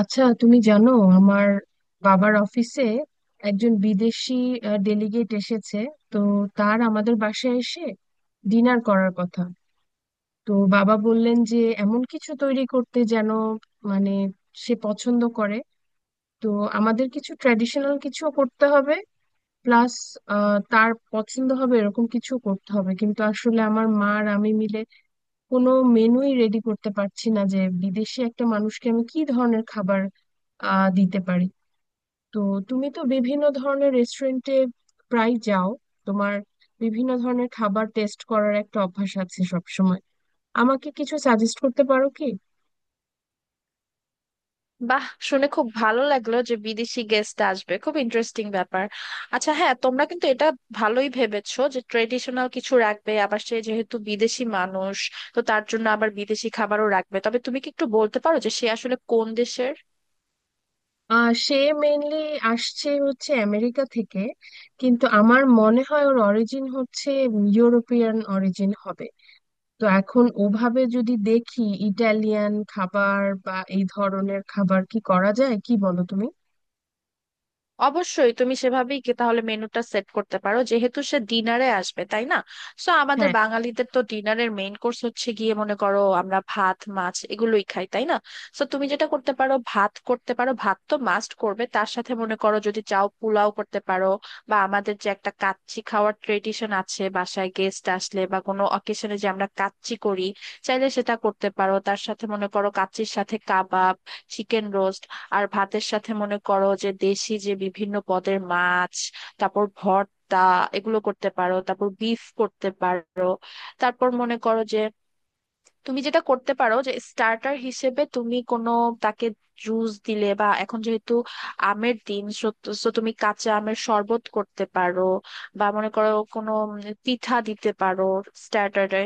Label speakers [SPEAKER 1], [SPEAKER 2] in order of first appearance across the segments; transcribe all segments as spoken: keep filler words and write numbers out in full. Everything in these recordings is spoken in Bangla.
[SPEAKER 1] আচ্ছা তুমি জানো আমার বাবার অফিসে একজন বিদেশি ডেলিগেট এসেছে। তো তার আমাদের বাসায় এসে ডিনার করার কথা। তো বাবা বললেন যে এমন কিছু তৈরি করতে যেন মানে সে পছন্দ করে। তো আমাদের কিছু ট্র্যাডিশনাল কিছু করতে হবে, প্লাস তার পছন্দ হবে এরকম কিছু করতে হবে। কিন্তু আসলে আমার মা আর আমি মিলে কোনো মেনুই রেডি করতে পারছি না যে বিদেশি একটা মানুষকে আমি কি ধরনের খাবার আহ দিতে পারি। তো তুমি তো বিভিন্ন ধরনের রেস্টুরেন্টে প্রায় যাও, তোমার বিভিন্ন ধরনের খাবার টেস্ট করার একটা অভ্যাস আছে সব সময়। আমাকে কিছু সাজেস্ট করতে পারো কি?
[SPEAKER 2] বাহ শুনে খুব ভালো লাগলো যে বিদেশি গেস্ট আসবে, খুব ইন্টারেস্টিং ব্যাপার। আচ্ছা হ্যাঁ, তোমরা কিন্তু এটা ভালোই ভেবেছো যে ট্রেডিশনাল কিছু রাখবে, আবার সে যেহেতু বিদেশি মানুষ তো তার জন্য আবার বিদেশি খাবারও রাখবে। তবে তুমি কি একটু বলতে পারো যে সে আসলে কোন দেশের?
[SPEAKER 1] আহ সে মেইনলি আসছে হচ্ছে আমেরিকা থেকে, কিন্তু আমার মনে হয় ওর অরিজিন হচ্ছে ইউরোপিয়ান অরিজিন হবে। তো এখন ওভাবে যদি দেখি, ইটালিয়ান খাবার বা এই ধরনের খাবার কি করা যায়, কি বলো তুমি?
[SPEAKER 2] অবশ্যই তুমি সেভাবেই কি তাহলে মেনুটা সেট করতে পারো, যেহেতু সে ডিনারে আসবে, তাই না? সো আমাদের
[SPEAKER 1] হ্যাঁ।
[SPEAKER 2] বাঙালিদের তো ডিনারের মেইন কোর্স হচ্ছে গিয়ে, মনে করো আমরা ভাত মাছ এগুলোই খাই, তাই না? সো তুমি যেটা করতে পারো, ভাত করতে পারো, ভাত তো মাস্ট করবে, তার সাথে মনে করো যদি চাও পোলাও করতে পারো, বা আমাদের যে একটা কাচ্চি খাওয়ার ট্রেডিশন আছে বাসায় গেস্ট আসলে বা কোনো অকেশনে যে আমরা কাচ্চি করি, চাইলে সেটা করতে পারো। তার সাথে মনে করো কাচ্চির সাথে কাবাব, চিকেন রোস্ট, আর ভাতের সাথে মনে করো যে দেশি যে বিভিন্ন পদের মাছ, তারপর ভর্তা, এগুলো করতে পারো, তারপর বিফ করতে পারো। তারপর মনে করো যে তুমি যেটা করতে পারো যে স্টার্টার হিসেবে তুমি কোনো তাকে জুস দিলে, বা এখন যেহেতু আমের দিন সো তুমি কাঁচা আমের শরবত করতে পারো, বা মনে করো কোনো উম পিঠা দিতে পারো স্টার্টারে,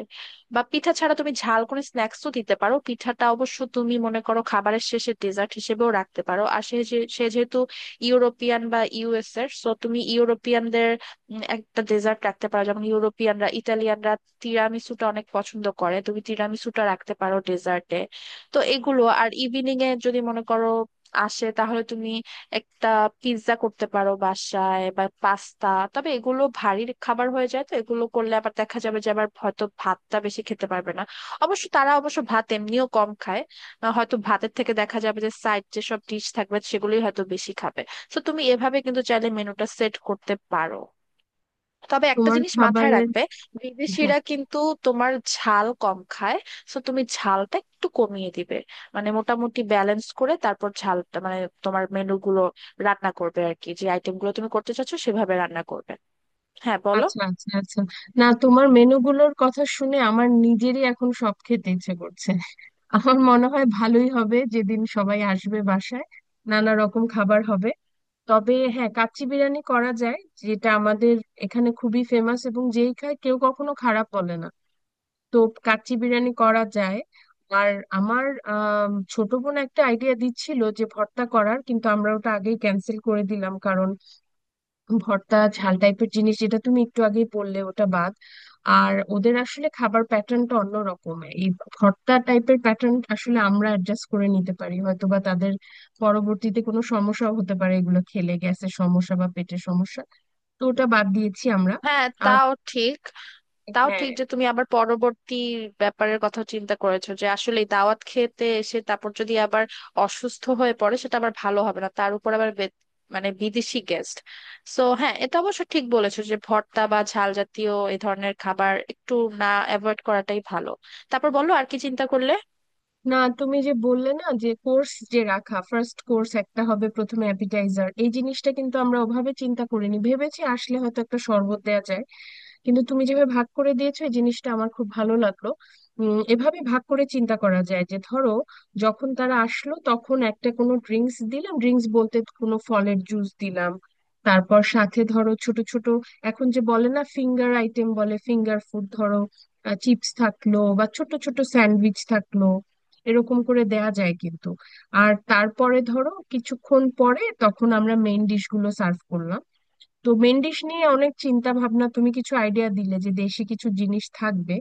[SPEAKER 2] বা পিঠা ছাড়া তুমি ঝাল কোনো স্ন্যাক্সও দিতে পারো। পিঠাটা অবশ্য তুমি মনে করো খাবারের শেষে ডেজার্ট হিসেবেও রাখতে পারো। আর সে যে- সে যেহেতু ইউরোপিয়ান বা ইউএস এর, সো তুমি ইউরোপিয়ানদের উম, একটা ডেজার্ট রাখতে পারো, যেমন ইউরোপিয়ানরা ইটালিয়ানরা তিরামিসুটা অনেক পছন্দ করে, তুমি তিরামিসুটা রাখতে পারো ডেজার্টে। তো এগুলো। আর ইভিনিং এ যদি মনে করো আসে তাহলে তুমি একটা পিৎজা করতে পারো বাসায় বা পাস্তা, তবে এগুলো ভারী খাবার হয়ে যায় তো এগুলো করলে আবার দেখা যাবে যে আবার হয়তো ভাতটা বেশি খেতে পারবে না। অবশ্য তারা অবশ্য ভাত এমনিও কম খায়, আহ হয়তো ভাতের থেকে দেখা যাবে যে সাইড যেসব ডিশ থাকবে সেগুলোই হয়তো বেশি খাবে। তো তুমি এভাবে কিন্তু চাইলে মেনুটা সেট করতে পারো। তবে একটা
[SPEAKER 1] তোমার
[SPEAKER 2] জিনিস মাথায়
[SPEAKER 1] খাবারের।
[SPEAKER 2] রাখবে,
[SPEAKER 1] হ্যাঁ।
[SPEAKER 2] বিদেশিরা কিন্তু তোমার ঝাল কম খায়, তো তুমি ঝালটা একটু কমিয়ে দিবে, মানে মোটামুটি ব্যালেন্স করে তারপর ঝালটা মানে তোমার মেনুগুলো রান্না করবে আর কি, যে আইটেমগুলো তুমি করতে চাচ্ছো সেভাবে রান্না করবে। হ্যাঁ বলো।
[SPEAKER 1] আচ্ছা, আচ্ছা, আচ্ছা। না, তোমার মেনুগুলোর কথা শুনে আমার নিজেরই এখন সব খেতে ইচ্ছে করছে। আমার মনে হয় ভালোই হবে যেদিন সবাই আসবে বাসায়, নানা রকম খাবার হবে। তবে হ্যাঁ, কাচ্চি বিরিয়ানি করা যায়, যেটা আমাদের এখানে খুবই ফেমাস এবং যেই খায় কেউ কখনো খারাপ বলে না। তো কাচ্চি বিরিয়ানি করা যায়। আর আমার আম, ছোট বোন একটা আইডিয়া দিচ্ছিল যে ভর্তা করার, কিন্তু আমরা ওটা আগেই ক্যান্সেল করে দিলাম, কারণ ভর্তা ঝাল টাইপের জিনিস যেটা তুমি একটু আগেই বললে, ওটা বাদ। আর ওদের আসলে খাবার প্যাটার্নটা অন্য রকম, এই ভর্তা টাইপের প্যাটার্ন আসলে আমরা অ্যাডজাস্ট করে নিতে পারি হয়তো, বা তাদের পরবর্তীতে কোনো সমস্যাও হতে পারে এগুলো খেলে, গ্যাসের সমস্যা বা পেটের সমস্যা। তো ওটা বাদ দিয়েছি আমরা।
[SPEAKER 2] হ্যাঁ,
[SPEAKER 1] আর
[SPEAKER 2] তাও ঠিক। তাও
[SPEAKER 1] হ্যাঁ।
[SPEAKER 2] ঠিক যে তুমি আবার পরবর্তী ব্যাপারের কথা চিন্তা করেছো যে আসলে দাওয়াত খেতে এসে তারপর যদি আবার অসুস্থ হয়ে পড়ে সেটা আবার ভালো হবে না, তার উপর আবার বে- মানে বিদেশি গেস্ট। সো হ্যাঁ, এটা অবশ্য ঠিক বলেছো যে ভর্তা বা ঝাল জাতীয় এই ধরনের খাবার একটু না অ্যাভয়েড করাটাই ভালো। তারপর বলো আর কি চিন্তা করলে।
[SPEAKER 1] না, তুমি যে বললে না যে কোর্স, যে রাখা ফার্স্ট কোর্স একটা হবে প্রথমে অ্যাপিটাইজার, এই জিনিসটা কিন্তু আমরা ওভাবে চিন্তা করিনি, ভেবেছি আসলে হয়তো একটা শরবত দেওয়া যায়। কিন্তু তুমি যেভাবে ভাগ করে দিয়েছো, এই জিনিসটা আমার খুব ভালো লাগলো। উম এভাবে ভাগ করে চিন্তা করা যায় যে ধরো যখন তারা আসলো তখন একটা কোনো ড্রিঙ্কস দিলাম, ড্রিঙ্কস বলতে কোনো ফলের জুস দিলাম। তারপর সাথে ধরো ছোট ছোট, এখন যে বলে না ফিঙ্গার আইটেম, বলে ফিঙ্গার ফুড, ধরো চিপস থাকলো বা ছোট ছোট স্যান্ডউইচ থাকলো, এরকম করে দেয়া যায় কিন্তু। আর তারপরে ধরো কিছুক্ষণ পরে তখন আমরা মেইন ডিশ গুলো সার্ভ করলাম। তো মেন ডিশ নিয়ে অনেক চিন্তা ভাবনা, তুমি কিছু আইডিয়া দিলে যে দেশি কিছু জিনিস থাকবে।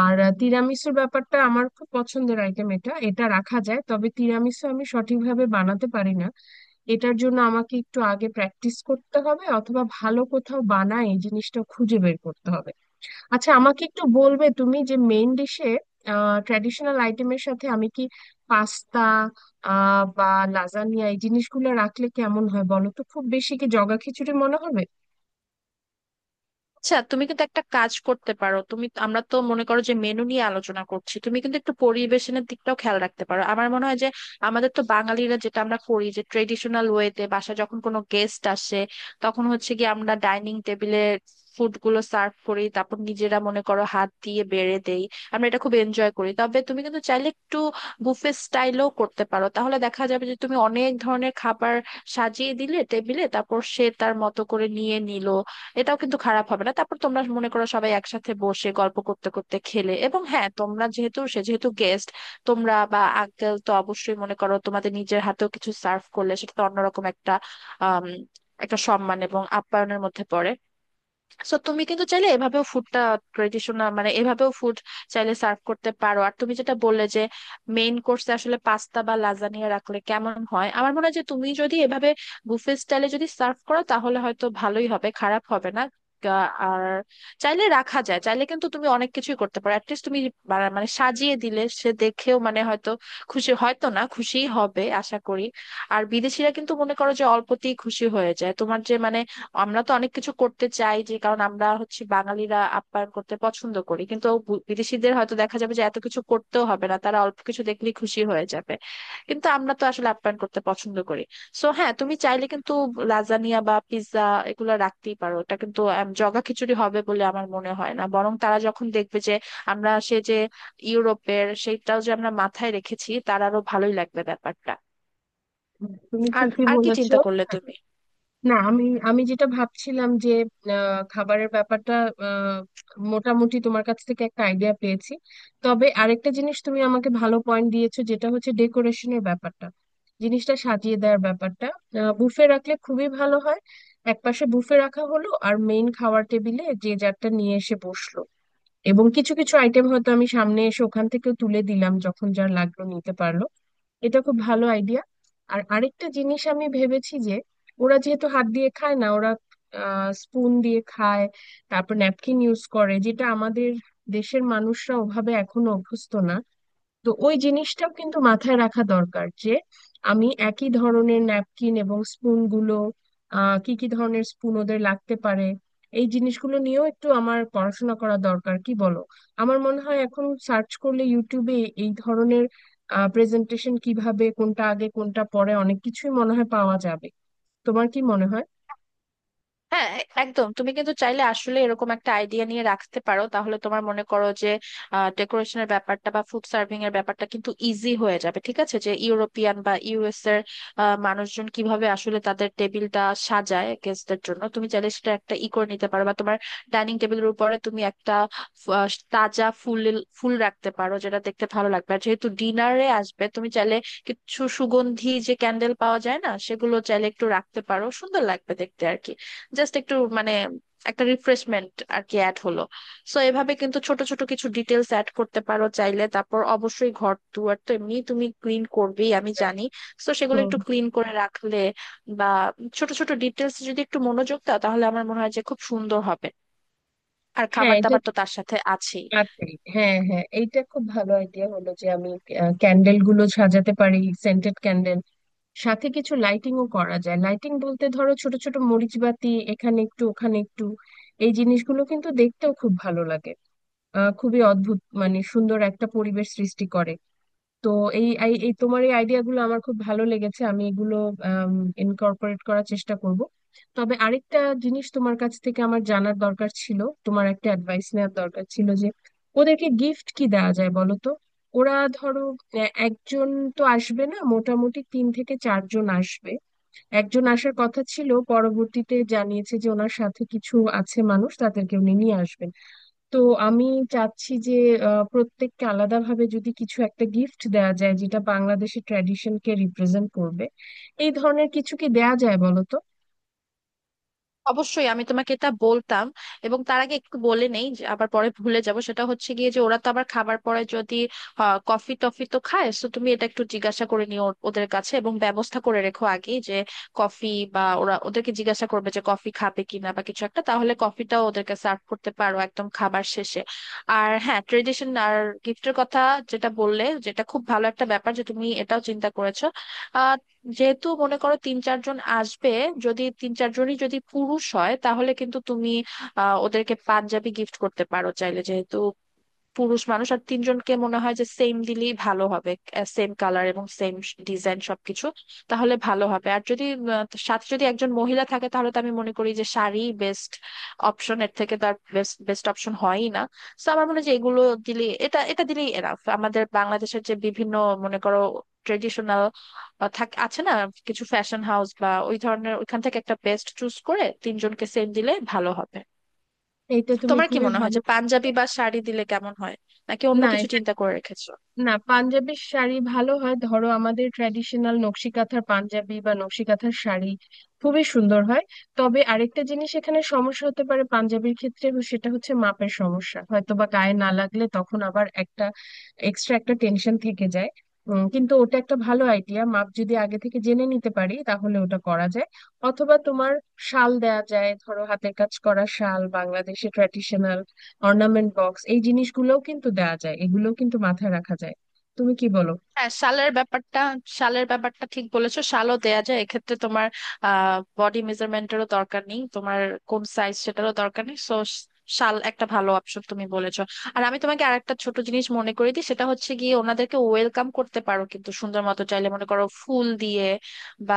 [SPEAKER 1] আর আহ, তিরামিসুর ব্যাপারটা আমার খুব পছন্দের আইটেম, এটা এটা রাখা যায়, তবে তিরামিসু আমি সঠিকভাবে বানাতে পারি না। এটার জন্য আমাকে একটু আগে প্র্যাকটিস করতে হবে, অথবা ভালো কোথাও বানায় এই জিনিসটা খুঁজে বের করতে হবে। আচ্ছা, আমাকে একটু বলবে তুমি যে মেইন ডিশে আহ ট্র্যাডিশনাল আইটেমের সাথে আমি কি পাস্তা আহ বা লাজানিয়া এই জিনিসগুলো রাখলে কেমন হয় বলো তো, খুব বেশি কি জগা খিচুড়ি মনে হবে?
[SPEAKER 2] আচ্ছা, তুমি কিন্তু একটা কাজ করতে পারো, তুমি আমরা তো মনে করো যে মেনু নিয়ে আলোচনা করছি, তুমি কিন্তু একটু পরিবেশনের দিকটাও খেয়াল রাখতে পারো। আমার মনে হয় যে আমাদের তো বাঙালিরা যেটা আমরা করি যে ট্রেডিশনাল ওয়েতে বাসা যখন কোনো গেস্ট আসে তখন হচ্ছে কি আমরা ডাইনিং টেবিলে ফুড গুলো সার্ভ করি, তারপর নিজেরা মনে করো হাত দিয়ে বেড়ে দেই, আমরা এটা খুব এনজয় করি। তবে তুমি কিন্তু চাইলে একটু বুফে স্টাইলও করতে পারো, তাহলে দেখা যাবে যে তুমি অনেক ধরনের খাবার সাজিয়ে দিলে টেবিলে, তারপর সে তার মতো করে নিয়ে নিল, এটাও কিন্তু খারাপ হবে না। তারপর তোমরা মনে করো সবাই একসাথে বসে গল্প করতে করতে খেলে, এবং হ্যাঁ তোমরা যেহেতু সে যেহেতু গেস্ট, তোমরা বা আঙ্কেল তো অবশ্যই মনে করো তোমাদের নিজের হাতেও কিছু সার্ভ করলে সেটা তো অন্যরকম একটা আম, একটা সম্মান এবং আপ্যায়নের মধ্যে পড়ে। সো তুমি কিন্তু চাইলে এভাবেও ফুডটা ট্রেডিশনাল মানে এভাবেও ফুড চাইলে সার্ভ করতে পারো। আর তুমি যেটা বললে যে মেইন কোর্সে আসলে পাস্তা বা লাজানিয়া রাখলে কেমন হয়, আমার মনে হয় যে তুমি যদি এভাবে বুফে স্টাইলে যদি সার্ভ করো তাহলে হয়তো ভালোই হবে, খারাপ হবে না। গা- আর চাইলে রাখা যায়, চাইলে কিন্তু তুমি অনেক কিছুই করতে পারো। অ্যাটলিস্ট তুমি বা- মানে সাজিয়ে দিলে সে দেখেও মানে হয়তো খুশি, হয়তো না খুশিই হবে আশা করি। আর বিদেশিরা কিন্তু মনে করো যে অল্পতেই খুশি হয়ে যায়, তোমার যে মানে আমরা তো অনেক কিছু করতে চাই যে, কারণ আমরা হচ্ছে বাঙালিরা আপ্যায়ন করতে পছন্দ করি, কিন্তু বু- বিদেশিদের হয়তো দেখা যাবে যে এত কিছু করতেও হবে না, তারা অল্প কিছু দেখলেই খুশি হয়ে যাবে। কিন্তু আমরা তো আসলে আপ্যায়ন করতে পছন্দ করি। সো হ্যাঁ, তুমি চাইলে কিন্তু লাজানিয়া বা পিৎজা এগুলো রাখতেই পারো, এটা কিন্তু আম, জগা খিচুড়ি হবে বলে আমার মনে হয় না, বরং তারা যখন দেখবে যে আমরা সে যে ইউরোপের সেইটাও যে আমরা মাথায় রেখেছি, তার আরো ভালোই লাগবে ব্যাপারটা।
[SPEAKER 1] তুমি
[SPEAKER 2] আর
[SPEAKER 1] ঠিকই
[SPEAKER 2] আর কি
[SPEAKER 1] বলেছো।
[SPEAKER 2] চিন্তা করলে তুমি?
[SPEAKER 1] না, আমি আমি যেটা ভাবছিলাম যে আহ, খাবারের ব্যাপারটা আহ, মোটামুটি তোমার কাছ থেকে একটা আইডিয়া পেয়েছি। তবে আরেকটা জিনিস তুমি আমাকে ভালো পয়েন্ট দিয়েছো, যেটা হচ্ছে ডেকোরেশনের ব্যাপারটা, জিনিসটা সাজিয়ে দেওয়ার ব্যাপারটা। বুফে রাখলে খুবই ভালো হয়, একপাশে বুফে রাখা হলো আর মেইন খাওয়ার টেবিলে যে যারটা নিয়ে এসে বসলো, এবং কিছু কিছু আইটেম হয়তো আমি সামনে এসে ওখান থেকেও তুলে দিলাম, যখন যার লাগলো নিতে পারলো। এটা খুব ভালো আইডিয়া। আর আরেকটা জিনিস আমি ভেবেছি যে, ওরা যেহেতু হাত দিয়ে খায় না, ওরা স্পুন দিয়ে খায়, তারপর ন্যাপকিন ইউজ করে, যেটা আমাদের দেশের মানুষরা ওভাবে এখনো অভ্যস্ত না। তো ওই জিনিসটাও কিন্তু মাথায় রাখা দরকার যে আমি একই ধরনের ন্যাপকিন এবং স্পুন গুলো, আহ কি কি ধরনের স্পুন ওদের লাগতে পারে, এই জিনিসগুলো নিয়েও একটু আমার পড়াশোনা করা দরকার, কি বলো? আমার মনে হয় এখন সার্চ করলে ইউটিউবে এই ধরনের প্রেজেন্টেশন কিভাবে, কোনটা আগে কোনটা পরে, অনেক কিছুই মনে হয় পাওয়া যাবে। তোমার কি মনে হয়?
[SPEAKER 2] হ্যাঁ, একদম, তুমি কিন্তু চাইলে আসলে এরকম একটা আইডিয়া নিয়ে রাখতে পারো, তাহলে তোমার মনে করো যে ডেকোরেশনের ব্যাপারটা বা ফুড সার্ভিং এর ব্যাপারটা কিন্তু ইজি হয়ে যাবে। ঠিক আছে, যে ইউরোপিয়ান বা ইউএস এর আহ, মানুষজন কিভাবে আসলে তাদের টেবিলটা সাজায় গেস্টদের জন্য, তুমি চাইলে সেটা একটা ই করে নিতে পারো। বা তোমার ডাইনিং টেবিলের উপরে তুমি একটা আহ, তাজা ফুল ফুল রাখতে পারো, যেটা দেখতে ভালো লাগবে। আর যেহেতু ডিনারে আসবে তুমি চাইলে কিছু সুগন্ধি যে ক্যান্ডেল পাওয়া যায় না, সেগুলো চাইলে একটু রাখতে পারো, সুন্দর লাগবে দেখতে আর কি। জাস্ট একটু মানে একটা রিফ্রেশমেন্ট আর কি অ্যাড হলো। সো এভাবে কিন্তু ছোট ছোট কিছু ডিটেলস অ্যাড করতে পারো চাইলে। তারপর অবশ্যই ঘর দুয়ার তো এমনি তুমি ক্লিন করবেই আমি জানি, সো সেগুলো
[SPEAKER 1] হুম,
[SPEAKER 2] একটু ক্লিন করে রাখলে বা ছোট ছোট ডিটেলস যদি একটু মনোযোগ দাও তাহলে আমার মনে হয় যে খুব সুন্দর হবে। আর
[SPEAKER 1] হ্যাঁ,
[SPEAKER 2] খাবার
[SPEAKER 1] এটা
[SPEAKER 2] দাবার তো তার সাথে আছেই।
[SPEAKER 1] আছে। হ্যাঁ, হ্যাঁ, এইটা খুব ভালো আইডিয়া হলো যে আমি ক্যান্ডেল গুলো সাজাতে পারি, সেন্টেড ক্যান্ডেল। সাথে কিছু লাইটিংও করা যায়, লাইটিং বলতে ধরো ছোট ছোট মরিচ বাতি, এখানে একটু ওখানে একটু। এই জিনিসগুলো কিন্তু দেখতেও খুব ভালো লাগে, আহ খুবই অদ্ভুত মানে সুন্দর একটা পরিবেশ সৃষ্টি করে। তো এই এই এই তোমার এই আইডিয়া গুলো আমার খুব ভালো লেগেছে, আমি এগুলো ইনকর্পোরেট করার চেষ্টা করব। তবে আরেকটা জিনিস তোমার কাছ থেকে আমার জানার দরকার ছিল, তোমার একটা অ্যাডভাইস নেওয়ার দরকার ছিল যে ওদেরকে গিফট কি দেওয়া যায় বলো তো। ওরা ধরো এ- একজন তো আসবে না, মোটামুটি তিন থেকে চারজন আসবে। একজন আসার কথা ছিল, পরবর্তীতে জানিয়েছে যে ওনার সাথে কিছু আছে মানুষ, তাদেরকে উনি নিয়ে আসবেন। তো আমি চাচ্ছি যে আহ, প্রত্যেককে আলাদাভাবে যদি কিছু একটা গিফট দেয়া যায় যেটা বাংলাদেশের ট্র্যাডিশনকে রিপ্রেজেন্ট করবে, এই ধরনের কিছু কি দেয়া যায় বলো তো?
[SPEAKER 2] অবশ্যই আমি তোমাকে এটা বলতাম। এবং তার আগে একটু বলে নেই, যে আবার পরে ভুলে যাব, সেটা হচ্ছে গিয়ে যে ওরা তো আবার খাবার পরে যদি কফি টফি তো খায়, তো তুমি এটা একটু জিজ্ঞাসা করে নিও ওর- ওদের কাছে, এবং ব্যবস্থা করে রেখো আগেই যে কফি, বা ওরা ওদেরকে জিজ্ঞাসা করবে যে কফি খাবে কিনা বা কিছু একটা, তাহলে কফিটাও ওদেরকে সার্ভ করতে পারো একদম খাবার শেষে। আর হ্যাঁ, ট্রেডিশন আর গিফটের কথা যেটা বললে, যেটা খুব ভালো একটা ব্যাপার যে তুমি এটাও চিন্তা করেছো। যেহেতু মনে করো তিন চারজন আসবে, যদি তিন চারজনই যদি পুরুষ হয় তাহলে কিন্তু তুমি আহ ওদেরকে পাঞ্জাবি গিফট করতে পারো চাইলে, যেহেতু পুরুষ মানুষ। আর তিনজনকে মনে হয় যে সেম দিলেই ভালো হবে, সেম কালার এবং সেম ডিজাইন সবকিছু, তাহলে ভালো হবে। আর যদি আহ, সাথে যদি একজন মহিলা থাকে তাহলে তো আমি মনে করি যে শাড়ি বেস্ট অপশন, এর থেকে তার বেস্ট বেস্ট অপশন হয়ই না। তো আমার মনে হয় যে এগুলো দিলে, এটা এটা দিলেই এনাফ। আমাদের বাংলাদেশের যে বিভিন্ন মনে করো ট্রেডিশনাল থাকে আছে না, কিছু ফ্যাশন হাউস বা ওই ধরনের ওইখান থেকে একটা বেস্ট চুজ করে তিনজনকে সেম দিলে ভালো হবে।
[SPEAKER 1] এইটা তুমি
[SPEAKER 2] তোমার কি
[SPEAKER 1] খুবই
[SPEAKER 2] মনে হয়
[SPEAKER 1] ভালো।
[SPEAKER 2] যে পাঞ্জাবি বা শাড়ি দিলে কেমন হয়, নাকি অন্য
[SPEAKER 1] না,
[SPEAKER 2] কিছু
[SPEAKER 1] এটা
[SPEAKER 2] চিন্তা করে রেখেছো?
[SPEAKER 1] না, পাঞ্জাবির শাড়ি ভালো হয়, ধরো আমাদের ট্র্যাডিশনাল নকশি কাঁথার পাঞ্জাবি বা নকশি কাঁথার শাড়ি খুবই সুন্দর হয়। তবে আরেকটা জিনিস এখানে সমস্যা হতে পারে পাঞ্জাবির ক্ষেত্রে, সেটা হচ্ছে মাপের সমস্যা, হয়তো বা গায়ে না লাগলে তখন আবার একটা এক্সট্রা একটা টেনশন থেকে যায়। উম, কিন্তু ওটা একটা ভালো আইডিয়া, মাপ যদি আগে থেকে জেনে নিতে পারি তাহলে ওটা করা যায়। অথবা তোমার শাল দেয়া যায়, ধরো হাতের কাজ করা শাল, বাংলাদেশে ট্র্যাডিশনাল অর্নামেন্ট বক্স, এই জিনিসগুলোও কিন্তু দেয়া যায়, এগুলোও কিন্তু মাথায় রাখা যায়। তুমি কি বলো?
[SPEAKER 2] হ্যাঁ, শালের ব্যাপারটা শালের ব্যাপারটা ঠিক বলেছো, শালও দেয়া যায়, এক্ষেত্রে তোমার আহ বডি মেজারমেন্টেরও দরকার নেই, তোমার কোন সাইজ সেটারও দরকার নেই। সো শাল একটা ভালো অপশন তুমি বলেছো। আর আমি তোমাকে আরেকটা ছোট জিনিস মনে করি দিই, সেটা হচ্ছে গিয়ে ওনাদেরকে ওয়েলকাম করতে পারো কিন্তু সুন্দর মতো, চাইলে মনে করো ফুল দিয়ে, বা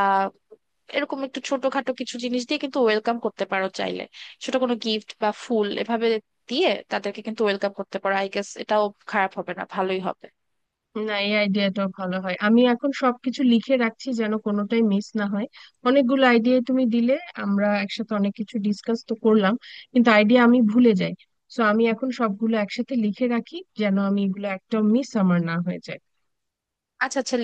[SPEAKER 2] এরকম একটু ছোটখাটো কিছু জিনিস দিয়ে কিন্তু ওয়েলকাম করতে পারো চাইলে, ছোট কোনো গিফট বা ফুল এভাবে দিয়ে তাদেরকে কিন্তু ওয়েলকাম করতে পারো। আই গেস এটাও খারাপ হবে না, ভালোই হবে।
[SPEAKER 1] না, এই আইডিয়াটাও ভালো হয়, আমি এখন সবকিছু লিখে রাখছি যেন কোনোটাই মিস না হয়। অনেকগুলো আইডিয়া তুমি দিলে, আমরা একসাথে অনেক কিছু ডিসকাস তো করলাম, কিন্তু আইডিয়া আমি ভুলে যাই। সো আমি এখন সবগুলো একসাথে লিখে রাখি, যেন আমি এগুলো একটাও মিস আমার না হয়ে যায়।
[SPEAKER 2] আচ্ছা, আচ্ছা।